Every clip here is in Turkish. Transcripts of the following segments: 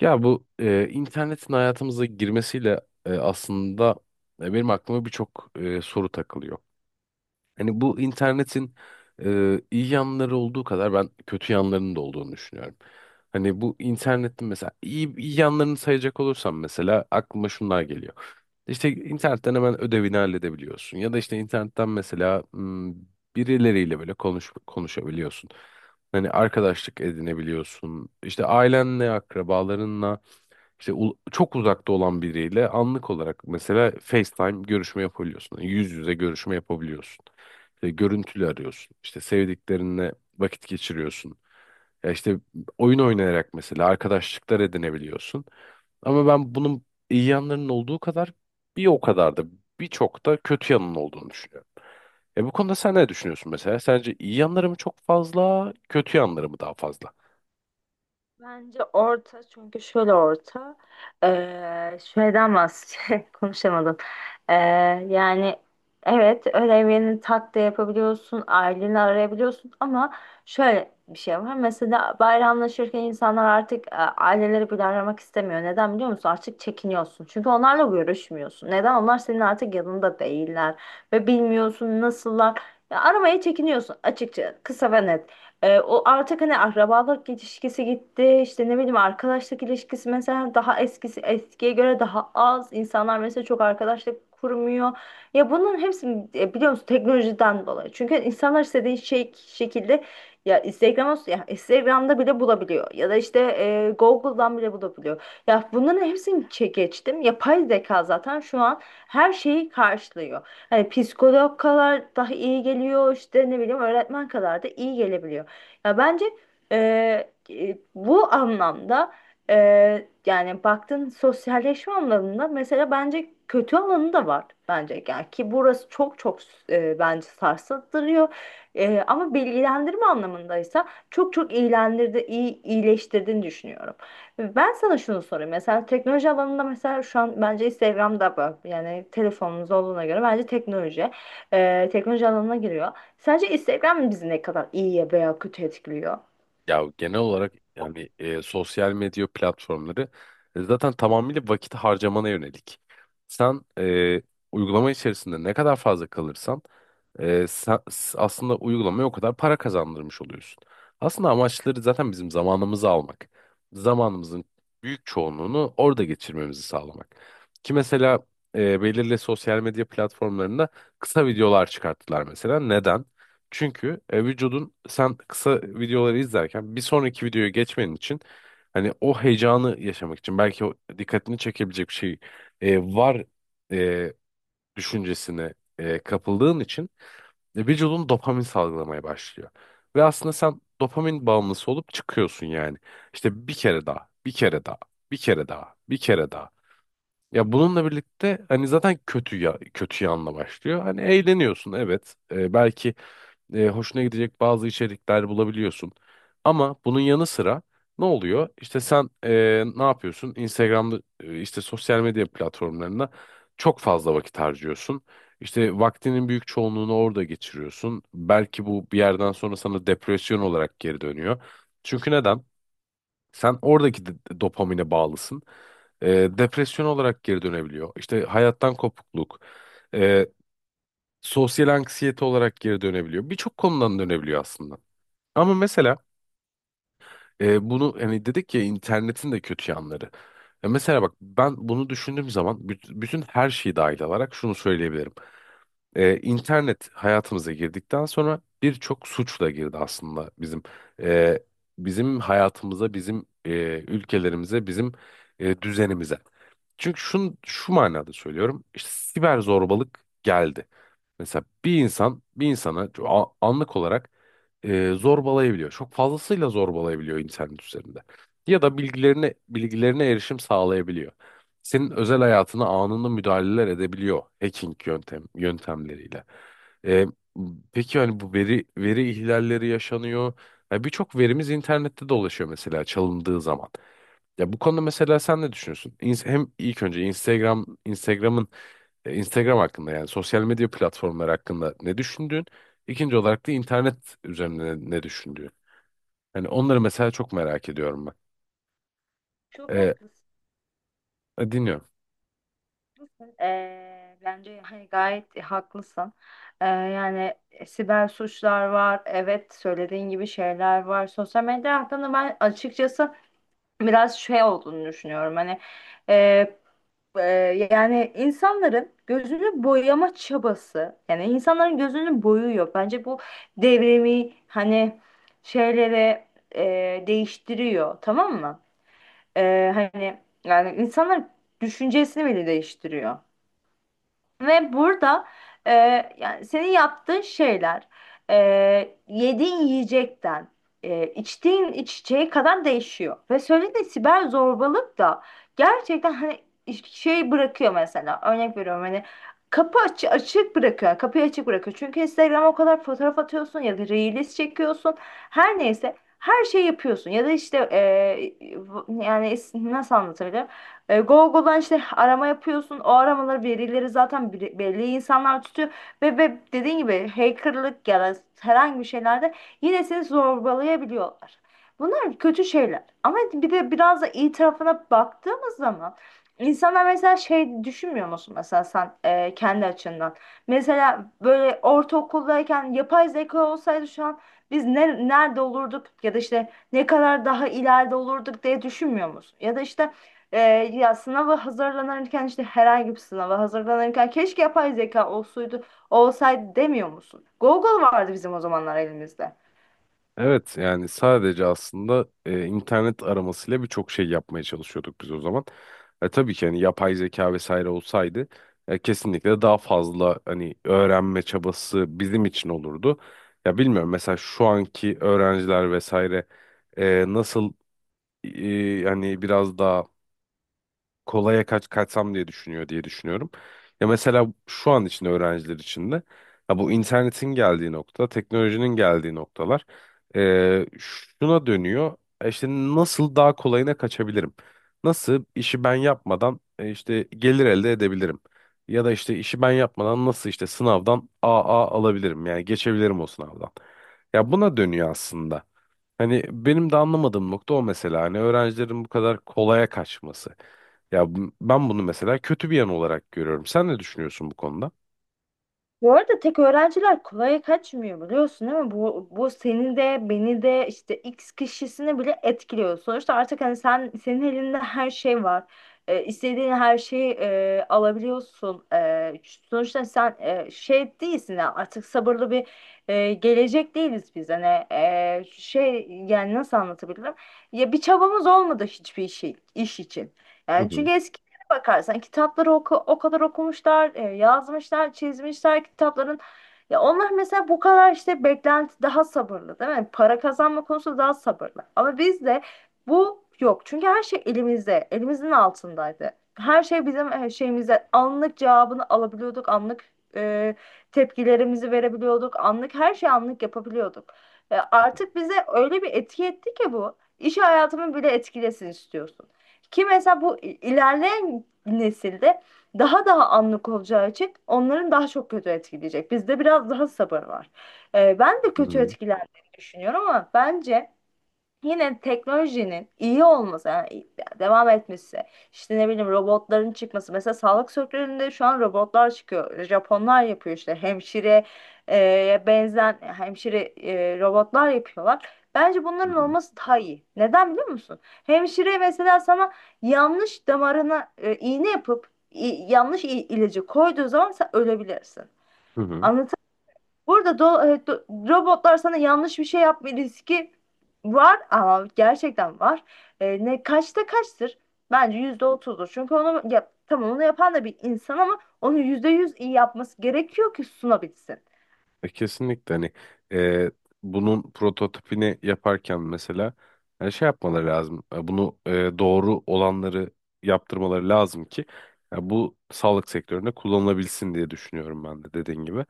İnternetin hayatımıza girmesiyle aslında benim aklıma birçok soru takılıyor. Hani bu internetin iyi yanları olduğu kadar ben kötü yanlarının da olduğunu düşünüyorum. Hani bu internetin mesela iyi yanlarını sayacak olursam mesela aklıma şunlar geliyor. İşte internetten hemen ödevini halledebiliyorsun ya da işte internetten mesela birileriyle böyle konuşabiliyorsun. Hani arkadaşlık edinebiliyorsun. İşte ailenle, akrabalarınla işte çok uzakta olan biriyle anlık olarak mesela FaceTime görüşme yapabiliyorsun. Yani yüz yüze görüşme yapabiliyorsun. İşte görüntülü arıyorsun. İşte sevdiklerinle vakit geçiriyorsun. Ya işte oyun oynayarak mesela arkadaşlıklar edinebiliyorsun. Ama ben bunun iyi yanlarının olduğu kadar bir o kadar da birçok da kötü yanının olduğunu düşünüyorum. E bu konuda sen ne düşünüyorsun mesela? Sence iyi yanları mı çok fazla, kötü yanları mı daha fazla? Bence orta, çünkü şöyle orta. Şeyden bahsedeceğim, konuşamadım. Ee, yani evet, ödevlerini tak da yapabiliyorsun, aileni arayabiliyorsun, ama şöyle bir şey var mesela: bayramlaşırken insanlar artık aileleri bile aramak istemiyor. Neden biliyor musun? Artık çekiniyorsun, çünkü onlarla görüşmüyorsun. Neden? Onlar senin artık yanında değiller ve bilmiyorsun nasıllar. Ya, aramaya çekiniyorsun açıkça, kısa ve net. O artık, hani, akrabalık ilişkisi gitti, işte ne bileyim, arkadaşlık ilişkisi mesela daha eskiye göre daha az. İnsanlar mesela çok arkadaşlık kurmuyor. Ya bunun hepsi biliyor musun, teknolojiden dolayı. Çünkü insanlar istediği şey şekilde, ya Instagram, ya Instagram'da bile bulabiliyor, ya da işte Google'dan bile bulabiliyor. Ya bunların hepsini geçtim. Yapay zeka zaten şu an her şeyi karşılıyor. Hani psikolog kadar daha iyi geliyor, işte ne bileyim, öğretmen kadar da iyi gelebiliyor. Ya bence e, bu anlamda, e, yani baktığın sosyalleşme anlamında, mesela bence kötü alanı da var. Bence yani, ki burası çok çok, bence sarsıttırıyor. E, ama bilgilendirme anlamındaysa çok çok iyilendirdi, iyi iyileştirdiğini düşünüyorum. Ben sana şunu sorayım: mesela teknoloji alanında, mesela şu an bence Instagram'da bu, yani telefonumuz olduğuna göre bence teknoloji, teknoloji alanına giriyor. Sence Instagram bizi ne kadar iyiye veya kötü etkiliyor? Ya genel olarak yani sosyal medya platformları zaten tamamıyla vakit harcamana yönelik. Sen uygulama içerisinde ne kadar fazla kalırsan aslında uygulamaya o kadar para kazandırmış oluyorsun. Aslında amaçları zaten bizim zamanımızı almak. Zamanımızın büyük çoğunluğunu orada geçirmemizi sağlamak. Ki mesela belirli sosyal medya platformlarında kısa videolar çıkarttılar mesela. Neden? Çünkü vücudun sen kısa videoları izlerken bir sonraki videoya geçmenin için hani o heyecanı yaşamak için belki o dikkatini çekebilecek bir şey var düşüncesine kapıldığın için vücudun dopamin salgılamaya başlıyor. Ve aslında sen dopamin bağımlısı olup çıkıyorsun yani. İşte bir kere daha, bir kere daha, bir kere daha, bir kere daha. Ya bununla birlikte hani zaten kötü ya kötü yanla başlıyor. Hani eğleniyorsun, evet. E, belki hoşuna gidecek bazı içerikler bulabiliyorsun. Ama bunun yanı sıra ne oluyor? İşte sen ne yapıyorsun? Instagram'da, işte sosyal medya platformlarında çok fazla vakit harcıyorsun. İşte vaktinin büyük çoğunluğunu orada geçiriyorsun. Belki bu bir yerden sonra sana depresyon olarak geri dönüyor. Çünkü neden? Sen oradaki dopamine bağlısın. E, depresyon olarak geri dönebiliyor. İşte hayattan kopukluk. e, Sosyal anksiyete olarak geri dönebiliyor. Birçok konudan dönebiliyor aslında. Ama mesela bunu hani dedik ya, internetin de kötü yanları. Ya mesela bak, ben bunu düşündüğüm zaman bütün her şeyi dahil alarak şunu söyleyebilirim. E, internet hayatımıza girdikten sonra birçok suçla girdi aslında bizim e, bizim hayatımıza, bizim ülkelerimize, bizim düzenimize. Çünkü şu manada söylüyorum. İşte siber zorbalık geldi. Mesela bir insan bir insana anlık olarak zorbalayabiliyor. Çok fazlasıyla zorbalayabiliyor internet üzerinde. Ya da bilgilerine erişim sağlayabiliyor. Senin özel hayatına anında müdahaleler edebiliyor hacking yöntemleriyle. E, peki hani bu veri ihlalleri yaşanıyor. Ya birçok verimiz internette dolaşıyor mesela çalındığı zaman. Ya bu konuda mesela sen ne düşünüyorsun? Hem ilk önce Instagram'ın Instagram hakkında, yani sosyal medya platformları hakkında ne düşündüğün? İkinci olarak da internet üzerinde ne düşündüğün? Hani onları mesela çok merak ediyorum ben. Çok haklısın. E, dinliyorum. Bence hani gayet haklısın. Yani siber suçlar var. Evet, söylediğin gibi şeyler var. Sosyal medya hakkında ben açıkçası biraz şey olduğunu düşünüyorum. Hani, e, e, yani insanların gözünü boyama çabası. Yani insanların gözünü boyuyor. Bence bu devrimi, hani, şeylere değiştiriyor. Tamam mı? Hani yani insanlar düşüncesini bile değiştiriyor. Ve burada, e, yani senin yaptığın şeyler, e, yediğin yiyecekten içtiğin içeceğe kadar değişiyor. Ve söylediğin siber zorbalık da gerçekten, hani, şey bırakıyor. Mesela örnek veriyorum, hani, kapı aç açık bırakıyor. Kapıyı açık bırakıyor. Çünkü Instagram'a o kadar fotoğraf atıyorsun ya da reels çekiyorsun. Her neyse, her şey yapıyorsun, ya da işte yani nasıl anlatabilirim? E, Google'dan işte arama yapıyorsun. O aramaları birileri zaten, belli insanlar tutuyor. Ve dediğin gibi hackerlık ya da herhangi bir şeylerde yine seni zorbalayabiliyorlar. Bunlar kötü şeyler. Ama bir de biraz da iyi tarafına baktığımız zaman, insanlar mesela şey düşünmüyor musun, mesela sen kendi açından? Mesela böyle ortaokuldayken yapay zeka olsaydı şu an biz ne, nerede olurduk, ya da işte ne kadar daha ileride olurduk diye düşünmüyor musun? Ya da işte, ee, ya sınava hazırlanırken, işte herhangi bir sınava hazırlanırken, keşke yapay zeka olsaydı demiyor musun? Google vardı bizim o zamanlar elimizde. Evet, yani sadece aslında internet aramasıyla birçok şey yapmaya çalışıyorduk biz o zaman. E, tabii ki hani yapay zeka vesaire olsaydı kesinlikle daha fazla hani öğrenme çabası bizim için olurdu. Ya bilmiyorum, mesela şu anki öğrenciler vesaire nasıl hani biraz daha kolaya kaçsam diye düşünüyor diye düşünüyorum. Ya mesela şu an için öğrenciler için de ya bu internetin geldiği nokta, teknolojinin geldiği noktalar şuna dönüyor. E, İşte nasıl daha kolayına kaçabilirim? Nasıl işi ben yapmadan işte gelir elde edebilirim? Ya da işte işi ben yapmadan nasıl işte sınavdan AA alabilirim? Yani geçebilirim o sınavdan. Ya buna dönüyor aslında. Hani benim de anlamadığım nokta o mesela. Hani öğrencilerin bu kadar kolaya kaçması. Ben bunu mesela kötü bir yan olarak görüyorum. Sen ne düşünüyorsun bu konuda? Bu arada tek öğrenciler kolaya kaçmıyor, biliyorsun değil mi? Bu seni de, beni de, işte X kişisini bile etkiliyor. Sonuçta artık hani sen, senin elinde her şey var. İstediğin her şeyi alabiliyorsun. Sonuçta sen şey değilsin ya, artık sabırlı bir gelecek değiliz biz. Hani şey, yani nasıl anlatabilirim? Ya bir çabamız olmadı hiçbir şey iş için. Hı Yani hı. çünkü bakarsan kitapları, oku, o kadar okumuşlar, yazmışlar, çizmişler kitapların. Ya onlar mesela bu kadar işte beklenti daha sabırlı değil mi? Para kazanma konusu daha sabırlı. Ama bizde bu yok. Çünkü her şey elimizde, elimizin altındaydı. Her şey bizim şeyimizde, anlık cevabını alabiliyorduk, anlık e, tepkilerimizi verebiliyorduk, anlık her şeyi anlık yapabiliyorduk. E, artık bize öyle bir etki etti ki bu, İş hayatımı bile etkilesin istiyorsun. Ki mesela bu ilerleyen nesilde daha daha anlık olacağı için onların daha çok kötü etkileyecek. Bizde biraz daha sabır var. Ben de Hı kötü hı. etkilendiğini düşünüyorum, ama bence yine teknolojinin iyi olması, yani devam etmesi, işte ne bileyim, robotların çıkması. Mesela sağlık sektöründe şu an robotlar çıkıyor, Japonlar yapıyor, işte hemşire benzen hemşire robotlar yapıyorlar. Bence Hı bunların hı. olması daha iyi. Neden biliyor musun? Hemşire mesela sana yanlış damarına iğne yapıp yanlış ilacı koyduğu zaman sen ölebilirsin. Hı hı. Burada robotlar sana yanlış bir şey yapma riski var, ama gerçekten var. E, ne kaçta kaçtır? Bence %30'dur. Çünkü onu yap, tamam, onu yapan da bir insan, ama onu %100 iyi yapması gerekiyor ki sunabilsin. E, kesinlikle hani e, bunun prototipini yaparken mesela şey yapmaları lazım. E, bunu doğru olanları yaptırmaları lazım ki bu sağlık sektöründe kullanılabilsin diye düşünüyorum ben de dediğin gibi.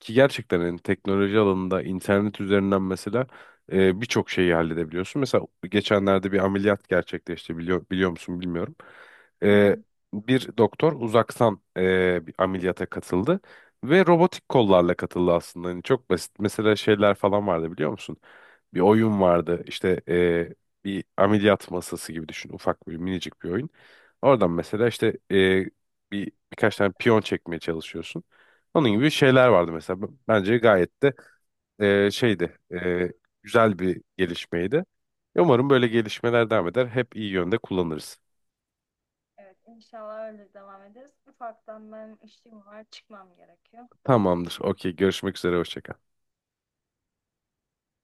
Ki gerçekten hani teknoloji alanında internet üzerinden mesela birçok şeyi halledebiliyorsun. Mesela geçenlerde bir ameliyat gerçekleşti, biliyor musun bilmiyorum. E, bir doktor uzaktan bir ameliyata katıldı. Ve robotik kollarla katıldı aslında. Hani çok basit. Mesela şeyler falan vardı, biliyor musun? Bir oyun vardı. İşte bir ameliyat masası gibi düşün. Ufak bir minicik bir oyun. Oradan mesela işte birkaç tane piyon çekmeye çalışıyorsun. Onun gibi şeyler vardı mesela. Bence gayet de şeydi. Güzel bir gelişmeydi. Umarım böyle gelişmeler devam eder. Hep iyi yönde kullanırız. Evet, inşallah öyle devam ederiz. Ufaktan benim işim var, çıkmam gerekiyor. Tamamdır. Okey. Görüşmek üzere. Hoşça kal.